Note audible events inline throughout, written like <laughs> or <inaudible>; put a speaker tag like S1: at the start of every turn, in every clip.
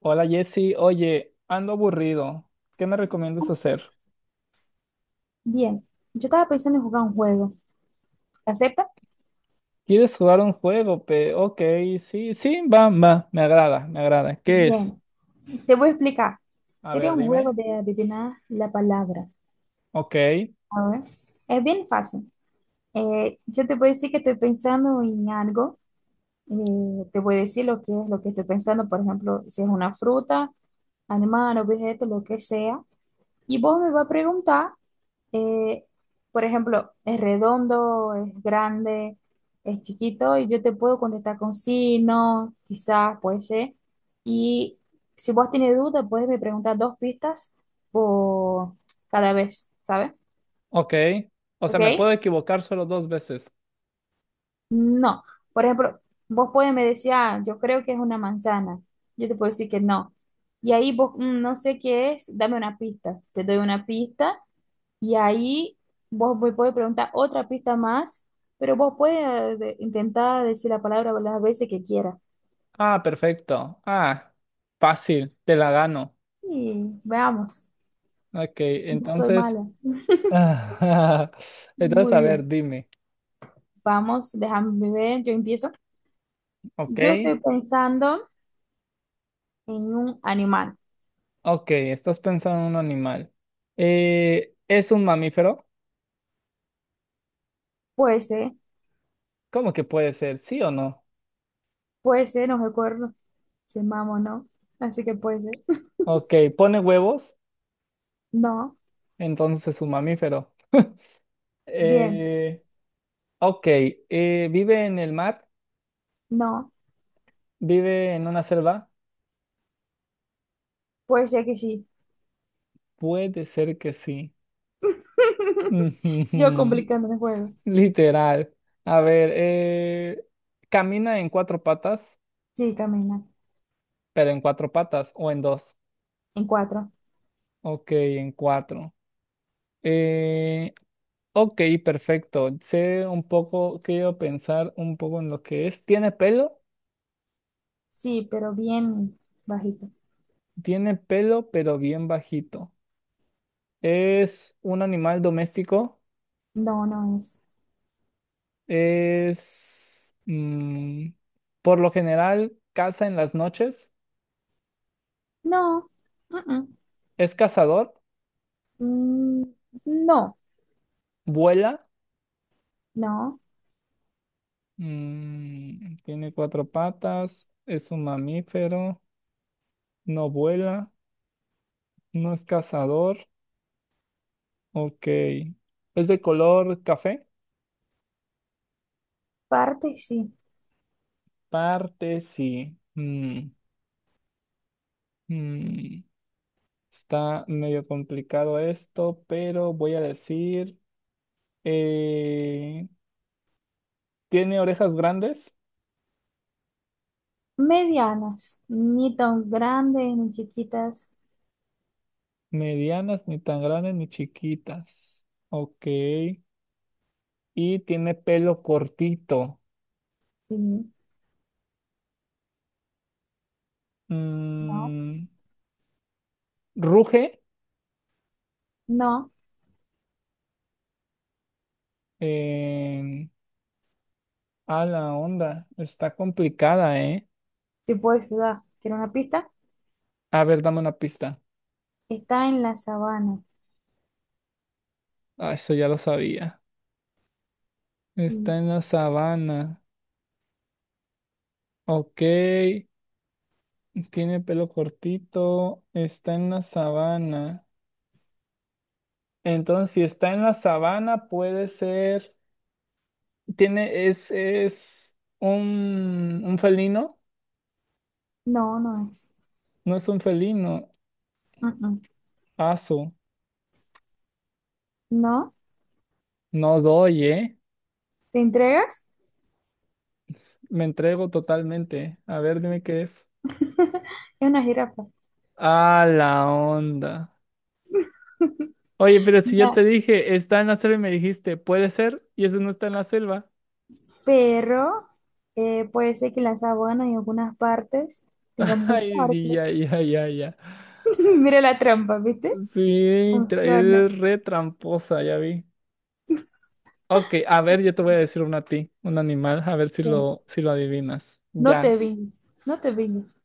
S1: Hola Jesse, oye, ando aburrido. ¿Qué me recomiendas hacer?
S2: Bien, yo estaba pensando en jugar un juego. ¿Acepta?
S1: ¿Quieres jugar un juego? Pe? Ok, sí, sí, va, va, me agrada, me agrada. ¿Qué es?
S2: Bien, te voy a explicar.
S1: A
S2: Sería
S1: ver,
S2: un juego
S1: dime.
S2: de adivinar la palabra.
S1: Ok,
S2: A ver, es bien fácil. Yo te voy a decir que estoy pensando en algo. Te voy a decir lo que es lo que estoy pensando. Por ejemplo, si es una fruta, animal, objeto, lo que sea. Y vos me vas a preguntar, eh, por ejemplo, es redondo, es grande, es chiquito, y yo te puedo contestar con sí, no, quizás, puede ser. Y si vos tienes duda, puedes me preguntar dos pistas por cada vez, ¿sabes?
S1: ok. O sea, me
S2: ¿Ok?
S1: puedo equivocar solo dos veces.
S2: No. Por ejemplo, vos puedes me decir, ah, yo creo que es una manzana. Yo te puedo decir que no. Y ahí vos, "Mm, no sé qué es, dame una pista." Te doy una pista. Y ahí vos me podés preguntar otra pista más, pero vos puedes intentar decir la palabra las veces que quieras.
S1: Ah, perfecto. Ah, fácil, te la gano.
S2: Y veamos,
S1: Ok,
S2: yo soy
S1: entonces.
S2: mala.
S1: <laughs> Entonces,
S2: Muy
S1: a ver,
S2: bien,
S1: dime.
S2: vamos, déjame ver, yo empiezo.
S1: Ok,
S2: Yo estoy pensando en un animal.
S1: ok, estás pensando en un animal. ¿Es un mamífero?
S2: Puede ser,
S1: ¿Cómo que puede ser? ¿Sí o no?
S2: no recuerdo si es mamá o no, así que puede ser.
S1: Ok, pone huevos,
S2: No,
S1: entonces es un mamífero.
S2: bien,
S1: Eh, ok, ¿Vive en el mar?
S2: no,
S1: ¿Vive en una selva?
S2: puede ser que sí.
S1: Puede ser que sí. <laughs>
S2: <laughs> Yo
S1: Ujujujú,
S2: complicando el juego.
S1: literal. A ver, ¿camina en cuatro patas?
S2: Sí, camina.
S1: Pero en cuatro patas o en dos.
S2: En cuatro.
S1: Ok, en cuatro. Eh, ok, perfecto. Sé un poco, quiero pensar un poco en lo que es. ¿Tiene pelo?
S2: Sí, pero bien bajito.
S1: Tiene pelo, pero bien bajito. Es un animal doméstico.
S2: No, no es.
S1: Es, por lo general, caza en las noches.
S2: No. mm,
S1: Es cazador.
S2: mm, no,
S1: Vuela.
S2: no.
S1: Mm, tiene cuatro patas. Es un mamífero. No vuela. No es cazador. Ok. Es de color café.
S2: Partes sí.
S1: Parte sí. Mm, Está medio complicado esto, pero voy a decir... eh, Tiene orejas grandes,
S2: Medianas. Ni tan grandes ni chiquitas.
S1: medianas, ni tan grandes ni chiquitas. Ok. Y tiene pelo cortito.
S2: Sí. No,
S1: Mm, ruge.
S2: no.
S1: em, a la onda. Está complicada, ¿eh?
S2: Te puedo ayudar. ¿Quieres una pista?
S1: A ver, dame una pista.
S2: Está en la sabana.
S1: Ah, eso ya lo sabía.
S2: Mm,
S1: Está en la sabana. Ok. Tiene pelo cortito. Está en la sabana. Entonces, si está en la sabana, puede ser. Tiene, es un felino,
S2: No, no es.
S1: no es un felino,
S2: Mm, mm.
S1: aso,
S2: No.
S1: no doy, ¿eh?
S2: ¿Te entregas?
S1: Me entrego totalmente. A ver, dime qué es.
S2: Es una jirafa.
S1: A la onda. Oye, pero si yo te
S2: No,
S1: dije, está en la selva y me dijiste, puede ser, y eso no está en la selva.
S2: pero puede ser que la sabana en algunas partes tenga
S1: <laughs>
S2: muchos
S1: Ay, ya,
S2: árboles.
S1: ya, ya, ya.
S2: <laughs> Mira la trampa, ¿viste?
S1: Sí,
S2: Funciona.
S1: eres re tramposa, ya vi. Ok, a ver, yo te voy a decir una a ti, un animal, a ver si
S2: Bien.
S1: si lo adivinas.
S2: No te
S1: Ya.
S2: viñes, no te viñes.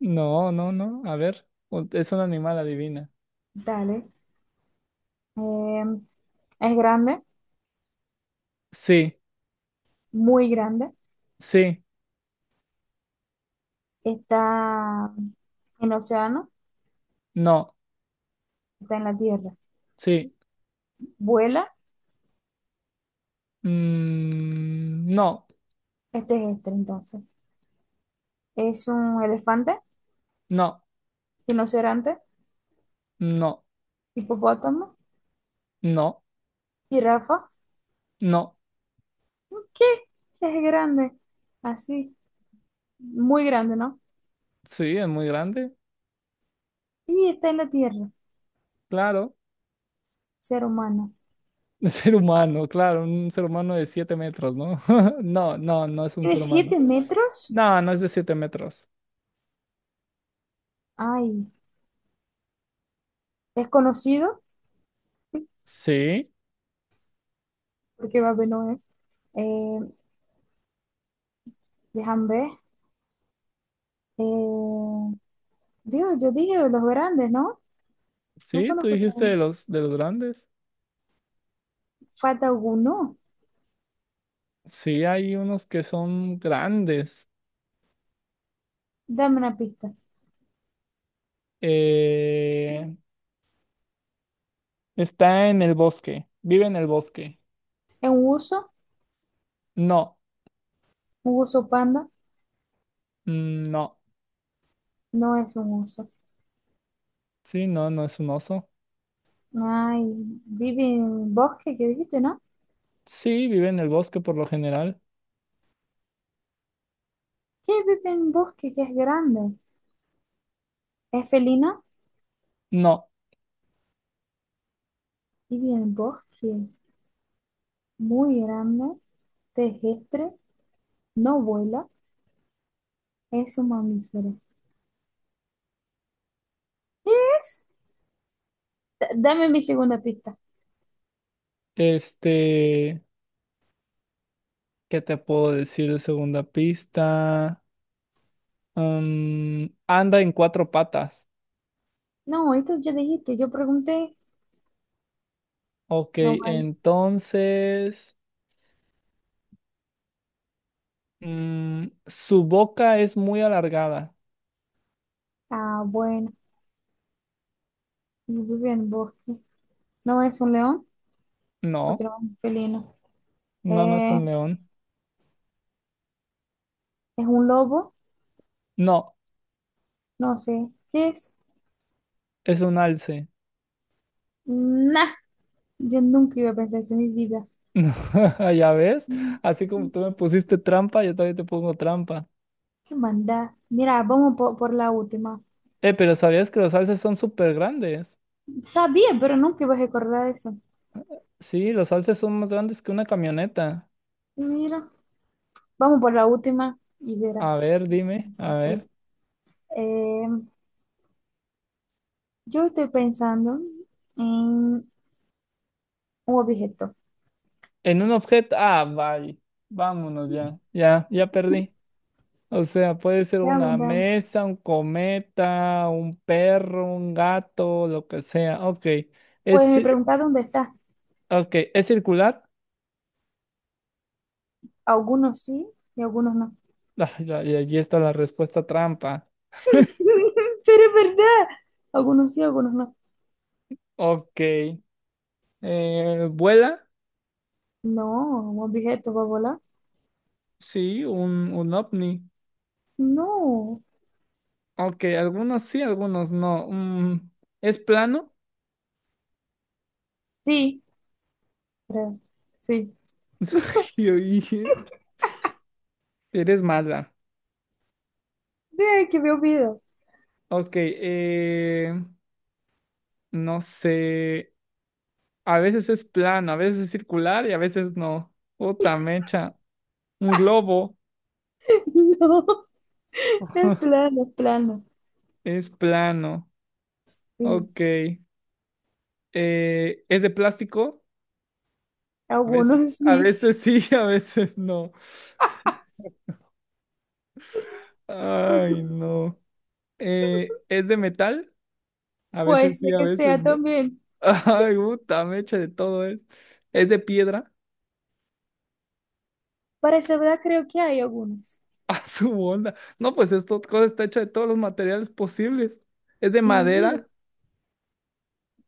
S1: No, no, no. A ver, es un animal, adivina.
S2: Dale. Eh, es grande,
S1: Sí,
S2: muy grande.
S1: sí,
S2: Está en océano,
S1: no,
S2: está en la tierra.
S1: sí.
S2: Vuela,
S1: Mm, no,
S2: este es este entonces. Es un elefante,
S1: no,
S2: rinoceronte,
S1: no,
S2: hipopótamo,
S1: no,
S2: jirafa.
S1: no.
S2: ¿Qué? ¿Qué es grande? Así, muy grande, ¿no?
S1: Sí, es muy grande,
S2: Y está en la tierra,
S1: claro.
S2: ser humano.
S1: <laughs> Un ser humano, claro, un ser humano de 7 metros, ¿no? <laughs> No, no, no es un
S2: Tiene
S1: ser humano.
S2: 7 metros.
S1: No, no es de 7 metros.
S2: Ay, es conocido,
S1: Sí,
S2: porque Babe no es. Eh, Déjame ver. Eh, Dios, yo dije los grandes, ¿no? No
S1: sí, tú
S2: conozco
S1: dijiste de
S2: tan-
S1: los, de los grandes.
S2: Falta alguno.
S1: Sí, hay unos que son grandes.
S2: Dame una pista.
S1: Eh, Está en el bosque. Vive en el bosque.
S2: ¿Es un uso?
S1: No.
S2: ¿Un uso panda?
S1: Mm, no.
S2: No es un uso.
S1: Sí, no, no es un oso.
S2: Ay, vive en bosque, que dijiste, ¿no?
S1: Sí, vive en el bosque por lo general.
S2: ¿Qué vive en bosque que es grande? ¿Es felina?
S1: No.
S2: Vive en bosque, muy grande, terrestre, no vuela, es un mamífero. ¿Qué es? Dame mi segunda pista.
S1: Este, ¿qué te puedo decir de segunda pista? Mm, anda en cuatro patas.
S2: No, esto ya dijiste, yo pregunté.
S1: Ok,
S2: No vale.
S1: entonces, su boca es muy alargada.
S2: Ah, bueno, y vive en bosque. No es un león, porque
S1: No,
S2: no es un felino.
S1: no, no es
S2: Eh,
S1: un león.
S2: es un lobo,
S1: No,
S2: no sé. ¿Qué es?
S1: es un alce.
S2: Nah, yo nunca iba a pensar esto en mi vida.
S1: <laughs> Ya ves,
S2: Mm,
S1: así como tú me pusiste trampa, yo también te pongo trampa.
S2: ¿Qué maldad? Mira, vamos por la última.
S1: Pero ¿sabías que los alces son súper grandes?
S2: Sabía, pero nunca iba a recordar eso.
S1: Sí, los alces son más grandes que una camioneta.
S2: Mira, vamos por la última y
S1: A
S2: verás.
S1: ver, dime, a ver.
S2: Sofre. Eh, yo estoy pensando en un objeto.
S1: En un objeto, ah, vaya, vámonos ya, ya, ya perdí. O sea, puede ser
S2: Veamos,
S1: una
S2: veamos.
S1: mesa, un cometa, un perro, un gato, lo que sea. Ok,
S2: Pues
S1: es,
S2: me
S1: ci-
S2: pregunta dónde está.
S1: ok, ¿es circular?
S2: Algunos sí y algunos no.
S1: <laughs> Ah, allí está la respuesta trampa.
S2: <laughs> Pero es verdad. Algunos sí, algunos no.
S1: Ok. ¿Vuela?
S2: No, un objeto va a volar.
S1: Sí, un ovni.
S2: No.
S1: Ok, algunos sí, algunos no. Mm, ¿es plano?
S2: Sí, creo. Sí.
S1: <laughs> Yo dije, eres mala.
S2: Ve que me olvido.
S1: Ok, no sé. A veces es plano, a veces es circular y a veces no. Puta mecha. Un globo.
S2: <laughs> No, es
S1: <laughs>
S2: plano, es plano.
S1: Es plano.
S2: Sí,
S1: Ok. ¿Es de plástico? A veces.
S2: algunos
S1: A
S2: sí.
S1: veces sí, <laughs> a veces no. Ay,
S2: <laughs>
S1: no. ¿Es de metal? A
S2: Puede
S1: veces
S2: ser
S1: sí, a
S2: que
S1: veces
S2: sea
S1: no.
S2: también.
S1: <laughs> Ay, puta, me echa de todo es. Es de piedra.
S2: Para esa verdad creo que hay algunos.
S1: <laughs> A su onda. No, pues esta cosa está hecha de todos los materiales posibles. Es de
S2: Sí,
S1: madera. <laughs>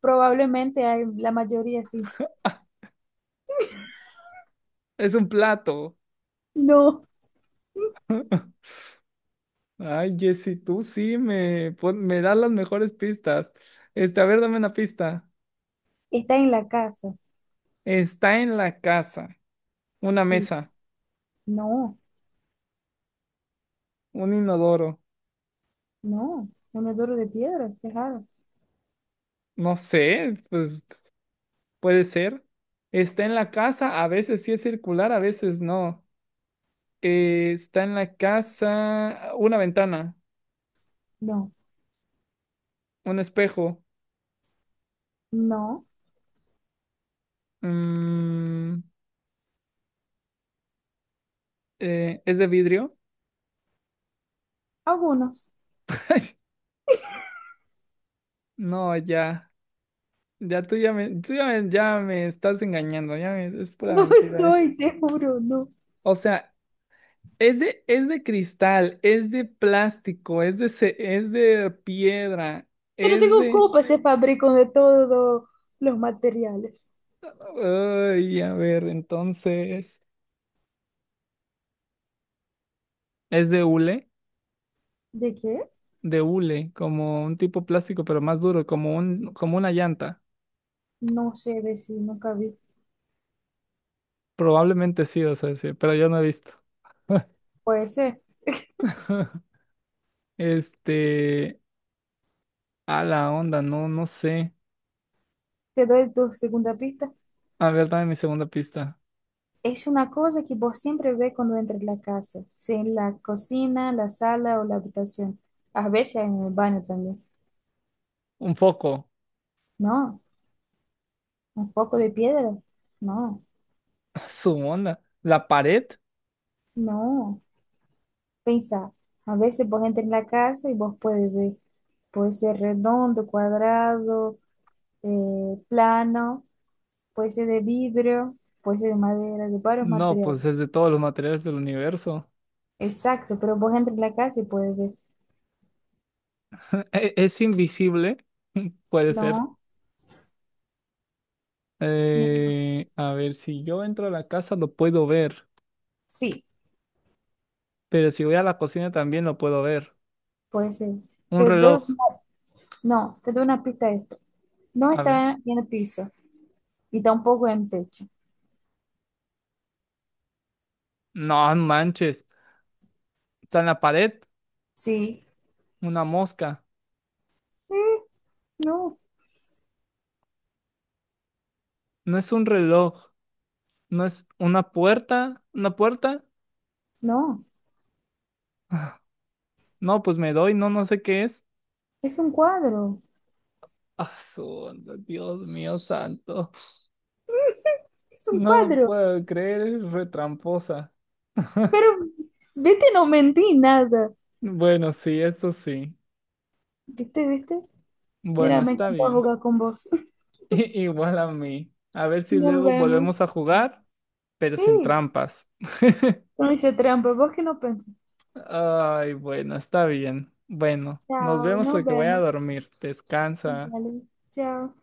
S2: probablemente hay, la mayoría sí.
S1: Ah, es un plato.
S2: No,
S1: Ay, Jessy, tú sí me, pon- me das las mejores pistas. Este, a ver, dame una pista.
S2: está en la casa.
S1: Está en la casa. Una
S2: Sí,
S1: mesa.
S2: no,
S1: Un inodoro.
S2: no. Un duro de piedra, qué raro.
S1: No sé, pues puede ser. Está en la casa. A veces sí es circular, a veces no. Está en la casa una ventana,
S2: No,
S1: un espejo.
S2: no,
S1: mm, ¿Es de vidrio?
S2: algunos.
S1: <laughs> No, ya. Ya me estás engañando. Es
S2: <laughs>
S1: pura
S2: No
S1: mentira.
S2: estoy, te juro, no.
S1: O sea, es de cristal, es de plástico, es de piedra,
S2: Pero
S1: es
S2: tengo
S1: de...
S2: copas, se fabrican de todos los materiales.
S1: Ay, a ver, entonces... ¿Es de hule?
S2: ¿De qué?
S1: De hule, como un tipo plástico, pero más duro, como una llanta.
S2: No sé decir, nunca vi.
S1: Probablemente sí, o sea, sí, pero yo no he visto.
S2: Puede ser.
S1: <laughs> Este, a la onda, no, no sé.
S2: Te doy tu segunda pista.
S1: A ver, dame mi segunda pista.
S2: Es una cosa que vos siempre ves cuando entras en la casa, sea en la cocina, la sala o la habitación. A veces en el baño también.
S1: Un foco.
S2: No, un poco de
S1: <laughs>
S2: piedra. No,
S1: Su onda. ¿La pared?
S2: no. Pensá, a veces vos entras en la casa y vos puedes ver. Puede ser redondo, cuadrado, plano, puede ser de vidrio, puede ser de madera, de varios
S1: No, pues
S2: materiales.
S1: es de todos los materiales del universo.
S2: Exacto, pero vos entras en la casa y puedes ver.
S1: ¿Es invisible? <laughs> Puede ser.
S2: No, no, no.
S1: A ver, si yo entro a la casa lo puedo ver,
S2: Sí,
S1: pero si voy a la cocina también lo puedo ver.
S2: puede ser.
S1: Un
S2: Te doy
S1: reloj.
S2: una, no, te doy una pista de esto. No
S1: A ver.
S2: está en el piso y tampoco en el techo.
S1: No manches. Está en la pared.
S2: Sí,
S1: Una mosca.
S2: sí, no,
S1: No es un reloj, no es una puerta, una puerta.
S2: no.
S1: <laughs> <sighs> No, pues me doy, no, no sé qué es.
S2: Es un cuadro.
S1: Ah, Dios mío santo.
S2: <laughs> Es un
S1: No lo
S2: cuadro.
S1: puedo creer, es retramposa.
S2: Pero, viste, no mentí nada.
S1: Bueno, sí, eso sí.
S2: ¿Viste, viste?
S1: Bueno,
S2: Mira, me
S1: está
S2: encantó
S1: bien.
S2: jugar con vos. <laughs>
S1: <laughs> Igual a mí. A ver si
S2: Nos
S1: luego
S2: vemos.
S1: volvemos a jugar, pero sin
S2: Sí.
S1: trampas.
S2: Então, isso é trampa, vou que não pensa.
S1: Ay, bueno, está bien. Bueno, nos
S2: Tchau,
S1: vemos
S2: nos
S1: porque voy a
S2: vemos.
S1: dormir. Descansa.
S2: Vale, tchau.